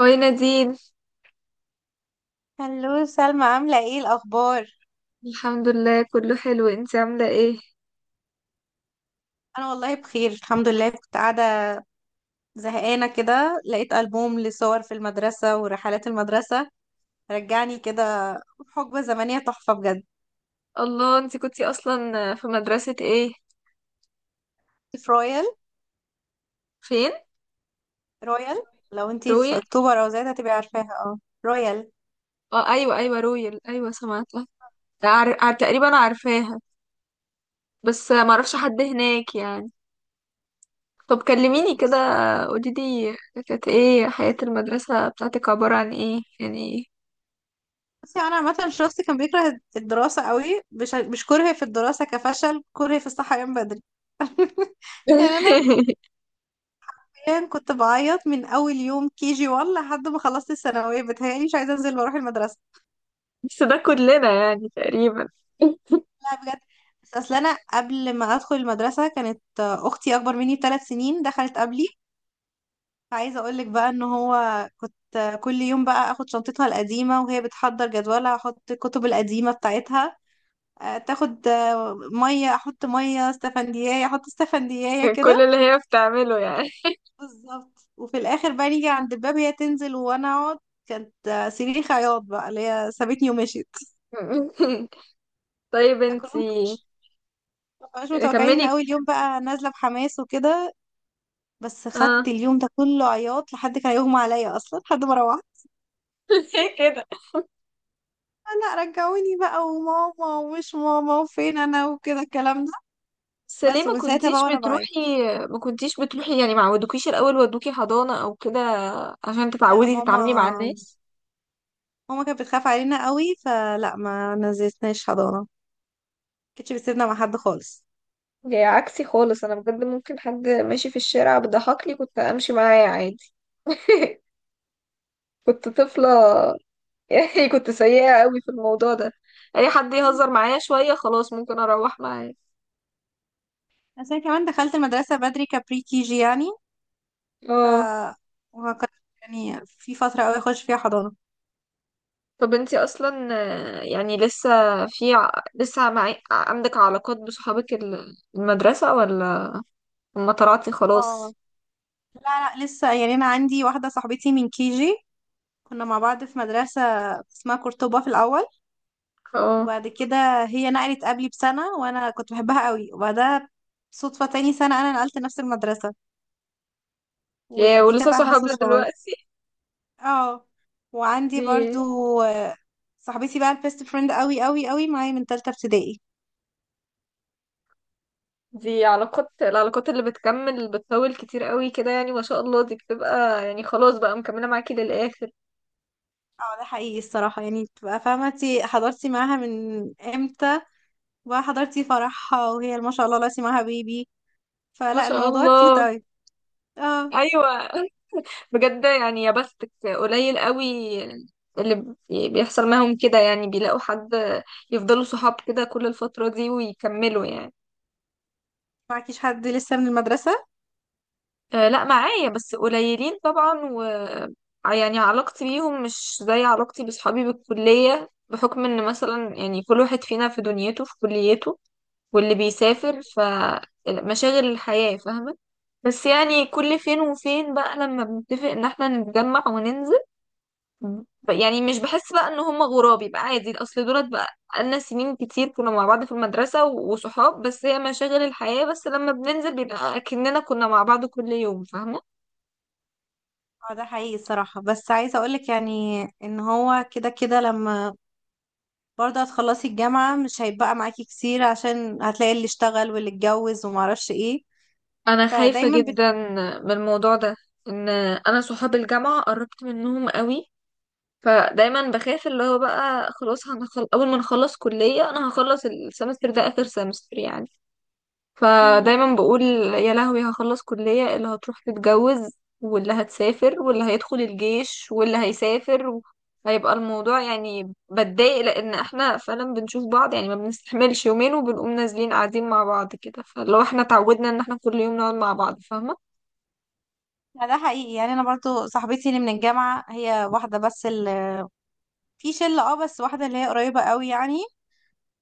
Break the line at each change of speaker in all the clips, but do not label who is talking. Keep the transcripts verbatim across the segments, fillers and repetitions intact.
هاي نادين.
هلو سلمى، عاملة ايه الأخبار؟
الحمد لله، كله حلو. انت عاملة ايه؟
أنا والله بخير الحمد لله. كنت قاعدة زهقانة كده، لقيت ألبوم لصور في المدرسة ورحلات المدرسة، رجعني كده حقبة زمنية تحفة بجد.
الله، انت كنتي اصلا في مدرسة ايه؟
في رويال.
فين؟
رويال. لو انتي في
رويال.
أكتوبر أو زيادة هتبقي عارفاها، اه. رويال.
اه، ايوه ايوه رويال، ايوه سمعتها. عار... عار... تقريبا عارفاها. بس ما اعرفش حد هناك يعني. طب كلميني كده.
بس
قولي لي. كانت ايه حياة المدرسة بتاعتك، عبارة عن ايه يعني؟
بصي، أنا عامة شخص كان بيكره الدراسة قوي. مش مش كره في الدراسة كفشل، كره في الصحيان بدري. يعني انا كان كنت بعيط من اول يوم كي جي واحد لحد ما خلصت الثانويه. بتهيألي مش عايزه انزل واروح المدرسه.
بس ده كلنا يعني تقريبا.
لا بجد. بس اصل انا قبل ما ادخل المدرسه كانت اختي اكبر مني بثلاث سنين، دخلت قبلي. فعايزه اقول لك بقى ان هو كنت كل يوم بقى اخد شنطتها القديمه وهي بتحضر جدولها، احط الكتب القديمه بتاعتها. آه، تاخد، آه، ميه احط ميه، استفنديايه احط استفنديايه
كل
كده.
اللي هي بتعمله يعني.
بالظبط. وفي الاخر بقى نيجي عند الباب، هي تنزل وانا اقعد. كانت آه، صريخ عياط بقى، اللي هي سابتني ومشيت.
طيب
فكلهم
انتي.
مش مش متوقعين
كملي.
ان اول يوم بقى نازله بحماس وكده. بس
اه.
خدت اليوم ده كله عياط، لحد كان يغمى عليا اصلا لحد ما روحت.
ليه كده؟
لا رجعوني بقى، وماما ومش ماما وفين انا وكده الكلام ده.
بس ليه
بس
ما
ومن ساعتها بقى
كنتيش
وانا بعيط.
بتروحي؟ ما كنتيش بتروحي يعني، ما عودوكيش الاول ودوكي حضانة او كده عشان
لا
تتعودي
ماما،
تتعاملي مع الناس؟
ماما كانت بتخاف علينا قوي فلا، ما نزلتناش حضانة، كانتش بتسيبنا مع حد خالص.
جاي عكسي خالص، انا بجد ممكن حد ماشي في الشارع بيضحكلي كنت امشي معاه عادي. كنت طفلة، يعني كنت سيئة قوي في الموضوع ده. اي حد يهزر معايا شوية خلاص ممكن اروح معاه.
بس انا كمان دخلت المدرسة بدري، كبري كي جي يعني. ف
اه.
وما كنت يعني في فترة قوي اخش فيها حضانة.
طب انتي اصلا آه، يعني لسه في ع- لسه معي... عندك علاقات بصحابك ال- المدرسة ولا، لما طلعتي
اه.
خلاص؟
لا لا، لسه يعني انا عندي واحدة صاحبتي من كي جي، كنا مع بعض في مدرسة اسمها قرطبة في الأول.
اه.
وبعد كده هي نقلت قبلي بسنة وانا كنت بحبها قوي، وبعدها صدفة تاني سنة انا نقلت نفس المدرسة،
يا،
ودي
ولسه
كانت احلى
صحابنا
صدفة برضه.
دلوقتي؟
اه. وعندي
دي
برضو آه، صاحبتي بقى البيست فريند قوي قوي قوي معايا من تالتة ابتدائي.
دي علاقات العلاقات اللي بتكمل، بتطول كتير قوي كده يعني، ما شاء الله دي بتبقى يعني خلاص بقى مكملة معاكي للآخر.
اه ده حقيقي الصراحة، يعني تبقى فاهمة انتي حضرتي معاها من امتى، بقى حضرتي فرحها وهي ما شاء الله لسه معاها بيبي،
ما
فلا
شاء
الموضوع كيوت
الله.
قوي. اه.
ايوه. بجد يعني يا بختك. قليل قوي اللي بي- بيحصل معاهم كده، يعني بيلاقوا حد يفضلوا صحاب كده كل الفترة دي ويكملوا يعني.
معكيش حد لسه من المدرسة؟
آه، لا، معايا بس قليلين طبعا، و يعني علاقتي بيهم مش زي علاقتي بصحابي بالكلية، بحكم ان مثلا يعني كل واحد فينا في دنيته، في كليته، واللي بيسافر، فمشاغل الحياة، فاهمة؟ بس يعني كل فين وفين بقى لما بنتفق ان احنا نتجمع وننزل. ف- يعني مش بحس بقى ان هم غراب، يبقى عادي اصل دولت بقى لنا سنين كتير كنا مع بعض في المدرسة و- وصحاب، بس هي مشاغل الحياة، بس لما بننزل بيبقى اكننا كنا مع بعض كل يوم، فاهمة؟
اه ده حقيقي الصراحة، بس عايزة اقولك يعني ان هو كده كده لما برضه هتخلصي الجامعة مش هيبقى معاكي كتير، عشان هتلاقي اللي اشتغل واللي اتجوز ومعرفش ايه.
انا خايفة
فدايما بت...
جدا من الموضوع ده، ان انا صحاب الجامعة قربت منهم قوي، فدايما بخاف اللي هو بقى خلاص هنخل... اول ما نخلص كلية، انا هخلص السمستر ده اخر سمستر يعني.
مم.
فدايما بقول يا لهوي هخلص كلية، اللي هتروح تتجوز واللي هتسافر واللي هيدخل الجيش واللي هيسافر. هيبقى الموضوع يعني بتضايق، لان احنا فعلا بنشوف بعض يعني، ما بنستحملش يومين وبنقوم نازلين قاعدين مع بعض كده، فلو احنا اتعودنا ان احنا كل يوم نقعد مع بعض، فاهمة؟
ده حقيقي، يعني انا برضو صاحبتي اللي من الجامعة هي واحدة بس، اللي في شلة، اه بس واحدة اللي هي قريبة قوي يعني.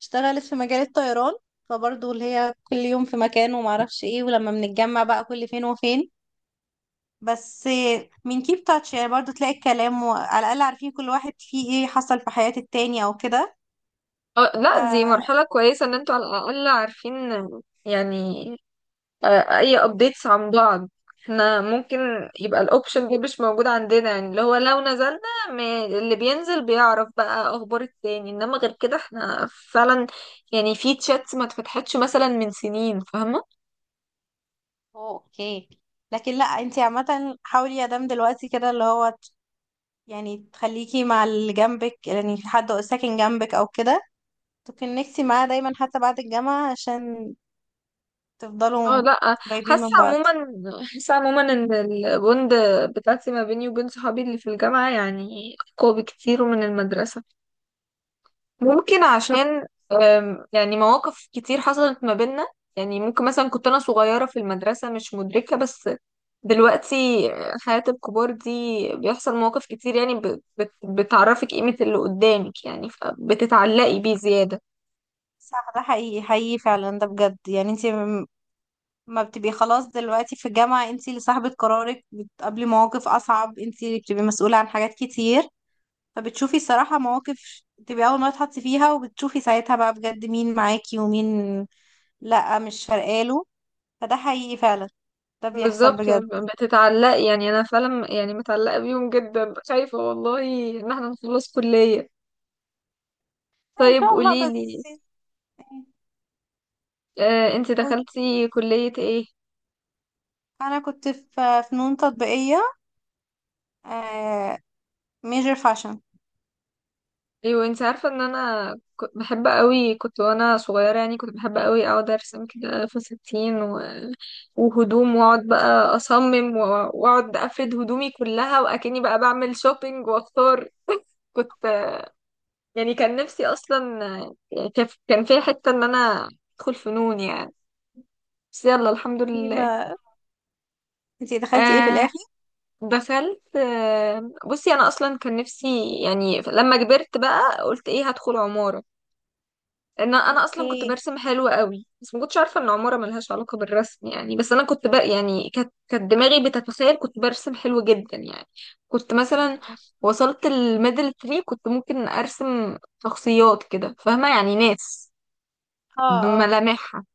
اشتغلت في مجال الطيران، فبرضو اللي هي كل يوم في مكان ومعرفش ايه، ولما بنتجمع بقى كل فين وفين. بس من كيب تاتش يعني، برضو تلاقي الكلام، وعلى الأقل عارفين كل واحد فيه ايه، حصل في حياة التاني او كده.
اه، لا، دي مرحلة كويسة ان انتوا على الأقل عارفين يعني آه، اي updates عن بعض. احنا ممكن يبقى الاوبشن دي مش موجود عندنا، يعني اللي هو لو نزلنا م- اللي بينزل بيعرف بقى اخبار التاني، انما غير كده احنا فعلا يعني في تشاتس ما اتفتحتش مثلا من سنين، فاهمة؟
اوه اوكي. لكن لا، انتي عامة حاولي يا دام دلوقتي كده، اللي هو ت- يعني تخليكي مع اللي جنبك، يعني في حد ساكن جنبك او كده، تكونكتي معاه دايما حتى بعد الجامعة، عشان
اه،
تفضلوا
لا.
قريبين
حاسة
من بعض.
عموما حاسة عموما ان البوند بتاعتي ما بيني وبين صحابي اللي في الجامعة يعني اقوى بكتير من المدرسة. ممكن عشان أم، يعني مواقف كتير حصلت ما بيننا. يعني ممكن مثلا كنت أنا صغيرة في المدرسة مش مدركة، بس دلوقتي حياة الكبار دي بيحصل مواقف كتير، يعني ب- بت- بتعرفك قيمة اللي قدامك يعني، فبتتعلقي بيه زيادة.
صح، ده حقيقي حقيقي فعلا، ده بجد. يعني انتي م- ما بتبقي خلاص دلوقتي في الجامعة، انتي اللي صاحبة قرارك، بتقابلي مواقف اصعب، انتي اللي بتبقي مسؤولة عن حاجات كتير. فبتشوفي الصراحة مواقف تبقي اول مرة تحطي فيها، وبتشوفي ساعتها بقى بجد مين معاكي ومين لا مش فارقاله. فده حقيقي فعلا، ده بيحصل
بالظبط
بجد.
بتتعلقي، يعني أنا فعلا يعني متعلقة بيهم جدا، خايفة والله إن احنا نخلص كلية.
ان
طيب
شاء الله.
قوليلي،
بس
آه، انت
قولي.
دخلتي كلية ايه؟
انا كنت في فنون تطبيقية، ميجر فاشن.
ايوه انت عارفه ان انا ك- بحب قوي، كنت وانا صغيره يعني كنت بحب قوي اقعد ارسم كده فساتين و- وهدوم، واقعد بقى اصمم و- واقعد افرد هدومي كلها واكني بقى بعمل شوبينج واختار. كنت يعني كان نفسي اصلا، يعني كان كان فيها حته ان انا ادخل فنون يعني، بس يلا الحمد
ايه
لله.
ما انتي دخلتي ايه في
آه
الاخر؟
دخلت، آه بصي انا اصلا كان نفسي يعني لما كبرت بقى قلت ايه، هدخل عمارة. ان انا اصلا كنت
اوكي.
برسم حلو قوي، بس ما كنتش عارفه ان عماره ملهاش علاقه بالرسم يعني، بس انا كنت بقى يعني كانت كانت دماغي بتتخيل كنت برسم حلو جدا يعني. كنت مثلا وصلت الميدل تري، كنت ممكن ارسم شخصيات كده فاهمه، يعني ناس
اه اه.
بملامحها.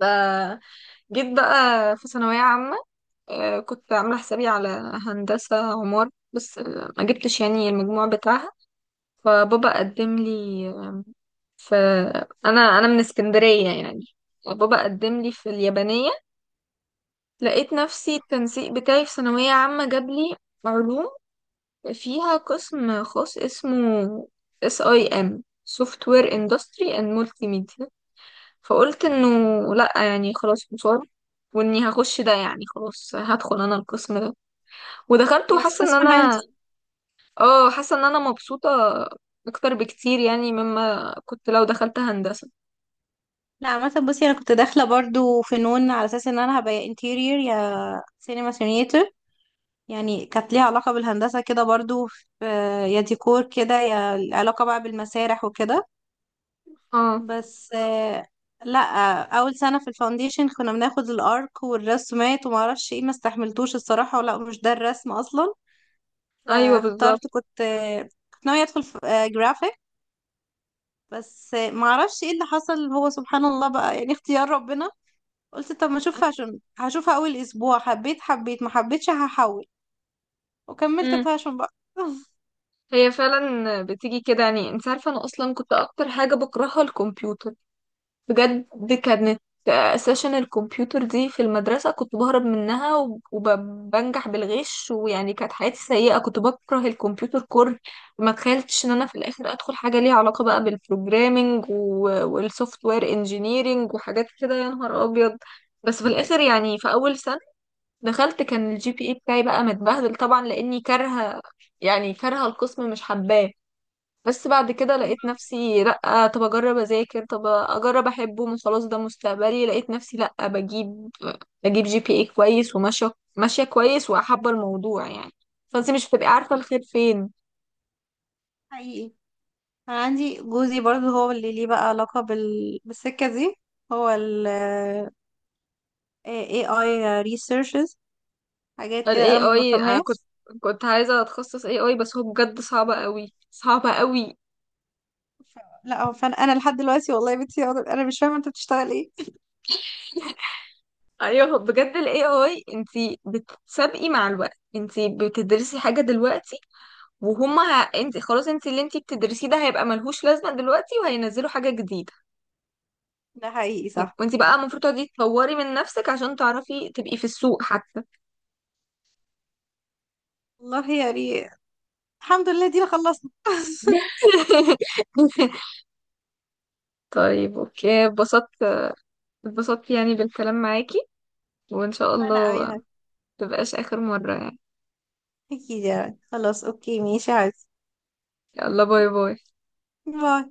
فجيت بقى في ثانويه عامه، آه، كنت عامله حسابي على هندسه عمار، بس آه، ما جبتش يعني المجموع بتاعها. فبابا قدم لي، فانا انا أنا من اسكندريه يعني، وبابا قدم لي في اليابانيه. لقيت نفسي التنسيق بتاعي في ثانويه عامه جاب لي علوم، فيها قسم خاص اسمه اس اي ام سوفت وير اندستري اند مولتي ميديا. فقلت انه لا، يعني خلاص مصاب، واني هخش ده، يعني خلاص هدخل انا القسم ده. ودخلت
ايه بس
وحاسه ان
اسمع حلو.
انا اه حاسه ان انا مبسوطه اكتر بكتير يعني مما كنت لو دخلت هندسه.
لا عامة بصي، انا كنت داخلة برضو فنون على اساس ان انا هبقى يا انتيرير، يا سينما سينيتر، يعني كانت ليها علاقة بالهندسة كده برضو، في- يا ديكور كده، يا علاقة بقى بالمسارح وكده.
اه،
بس، آه، لا، اول سنه في الفاونديشن كنا بناخد الارك والرسومات وما اعرفش ايه، ما استحملتوش الصراحه، ولا مش ده الرسم اصلا.
ايوه
فاخترت،
بالظبط.
كنت آه، كنت ناويه ادخل في آه، جرافيك. بس، آه، ما اعرفش ايه اللي حصل، هو سبحان الله بقى يعني اختيار ربنا. قلت طب ما اشوف فاشن، هشوفها اول اسبوع، حبيت حبيت ما حبيتش هحول. وكملت
امم
فاشن بقى.
هي فعلا بتيجي كده، يعني انت عارفه انا اصلا كنت اكتر حاجه بكرهها الكمبيوتر. بجد، كانت سيشن الكمبيوتر دي في المدرسه كنت بهرب منها وب- وبنجح بالغش، ويعني كانت حياتي سيئه، كنت بكره الكمبيوتر كره. ما تخيلتش ان انا في الاخر ادخل حاجه ليها علاقه بقى بالبروجرامينج والسوفت وير انجينيرينج وحاجات كده، يا نهار ابيض. بس في الاخر يعني في اول سنه دخلت كان الـ جي بي إيه بتاعي بقى متبهدل طبعا، لاني كارهه، يعني كارهه القسم مش حباه. بس بعد كده لقيت نفسي لا، طب اجرب اذاكر، طب اجرب احبه، من خلاص ده مستقبلي. لقيت نفسي لا، بجيب بجيب جي بي إيه كويس وماشيه ماشيه كويس وحابه الموضوع يعني، فانت مش بتبقي عارفه الخير فين.
حقيقي. أنا عندي جوزي برضو هو اللي ليه بقى علاقة بال... بالسكة دي. هو ال إيه آي researches، حاجات كده انا
الاي
ما
اي انا كنت
بفهمهاش.
كنت عايزه اتخصص إيه آي، بس هو بجد صعب قوي، صعب قوي.
ف- لا هو فانا انا لحد دلوقتي والله يا بنتي، انا مش فاهمه انت بتشتغل ايه.
ايوه بجد ال إيه آي انتي بتسابقي مع الوقت، انتي بتدرسي حاجة دلوقتي، وهما ه... انتي خلاص، انتي اللي انتي بتدرسيه ده هيبقى ملهوش لازمة دلوقتي، وهينزلوا حاجة جديدة.
ده حقيقي، صح
وانتي بقى
صح.
المفروض تقعدي تطوري من نفسك، عشان تعرفي تبقي في السوق حتى.
والله يا ري، الحمد لله دينا خلصنا.
طيب اوكي، اتبسطت. اتبسطت يعني بالكلام معاكي، وان شاء
انا
الله
قوي.
متبقاش اخر مرة يعني.
اكيد يعني، خلاص اوكي ماشي يا عزيزي.
يلا، باي باي.
باي.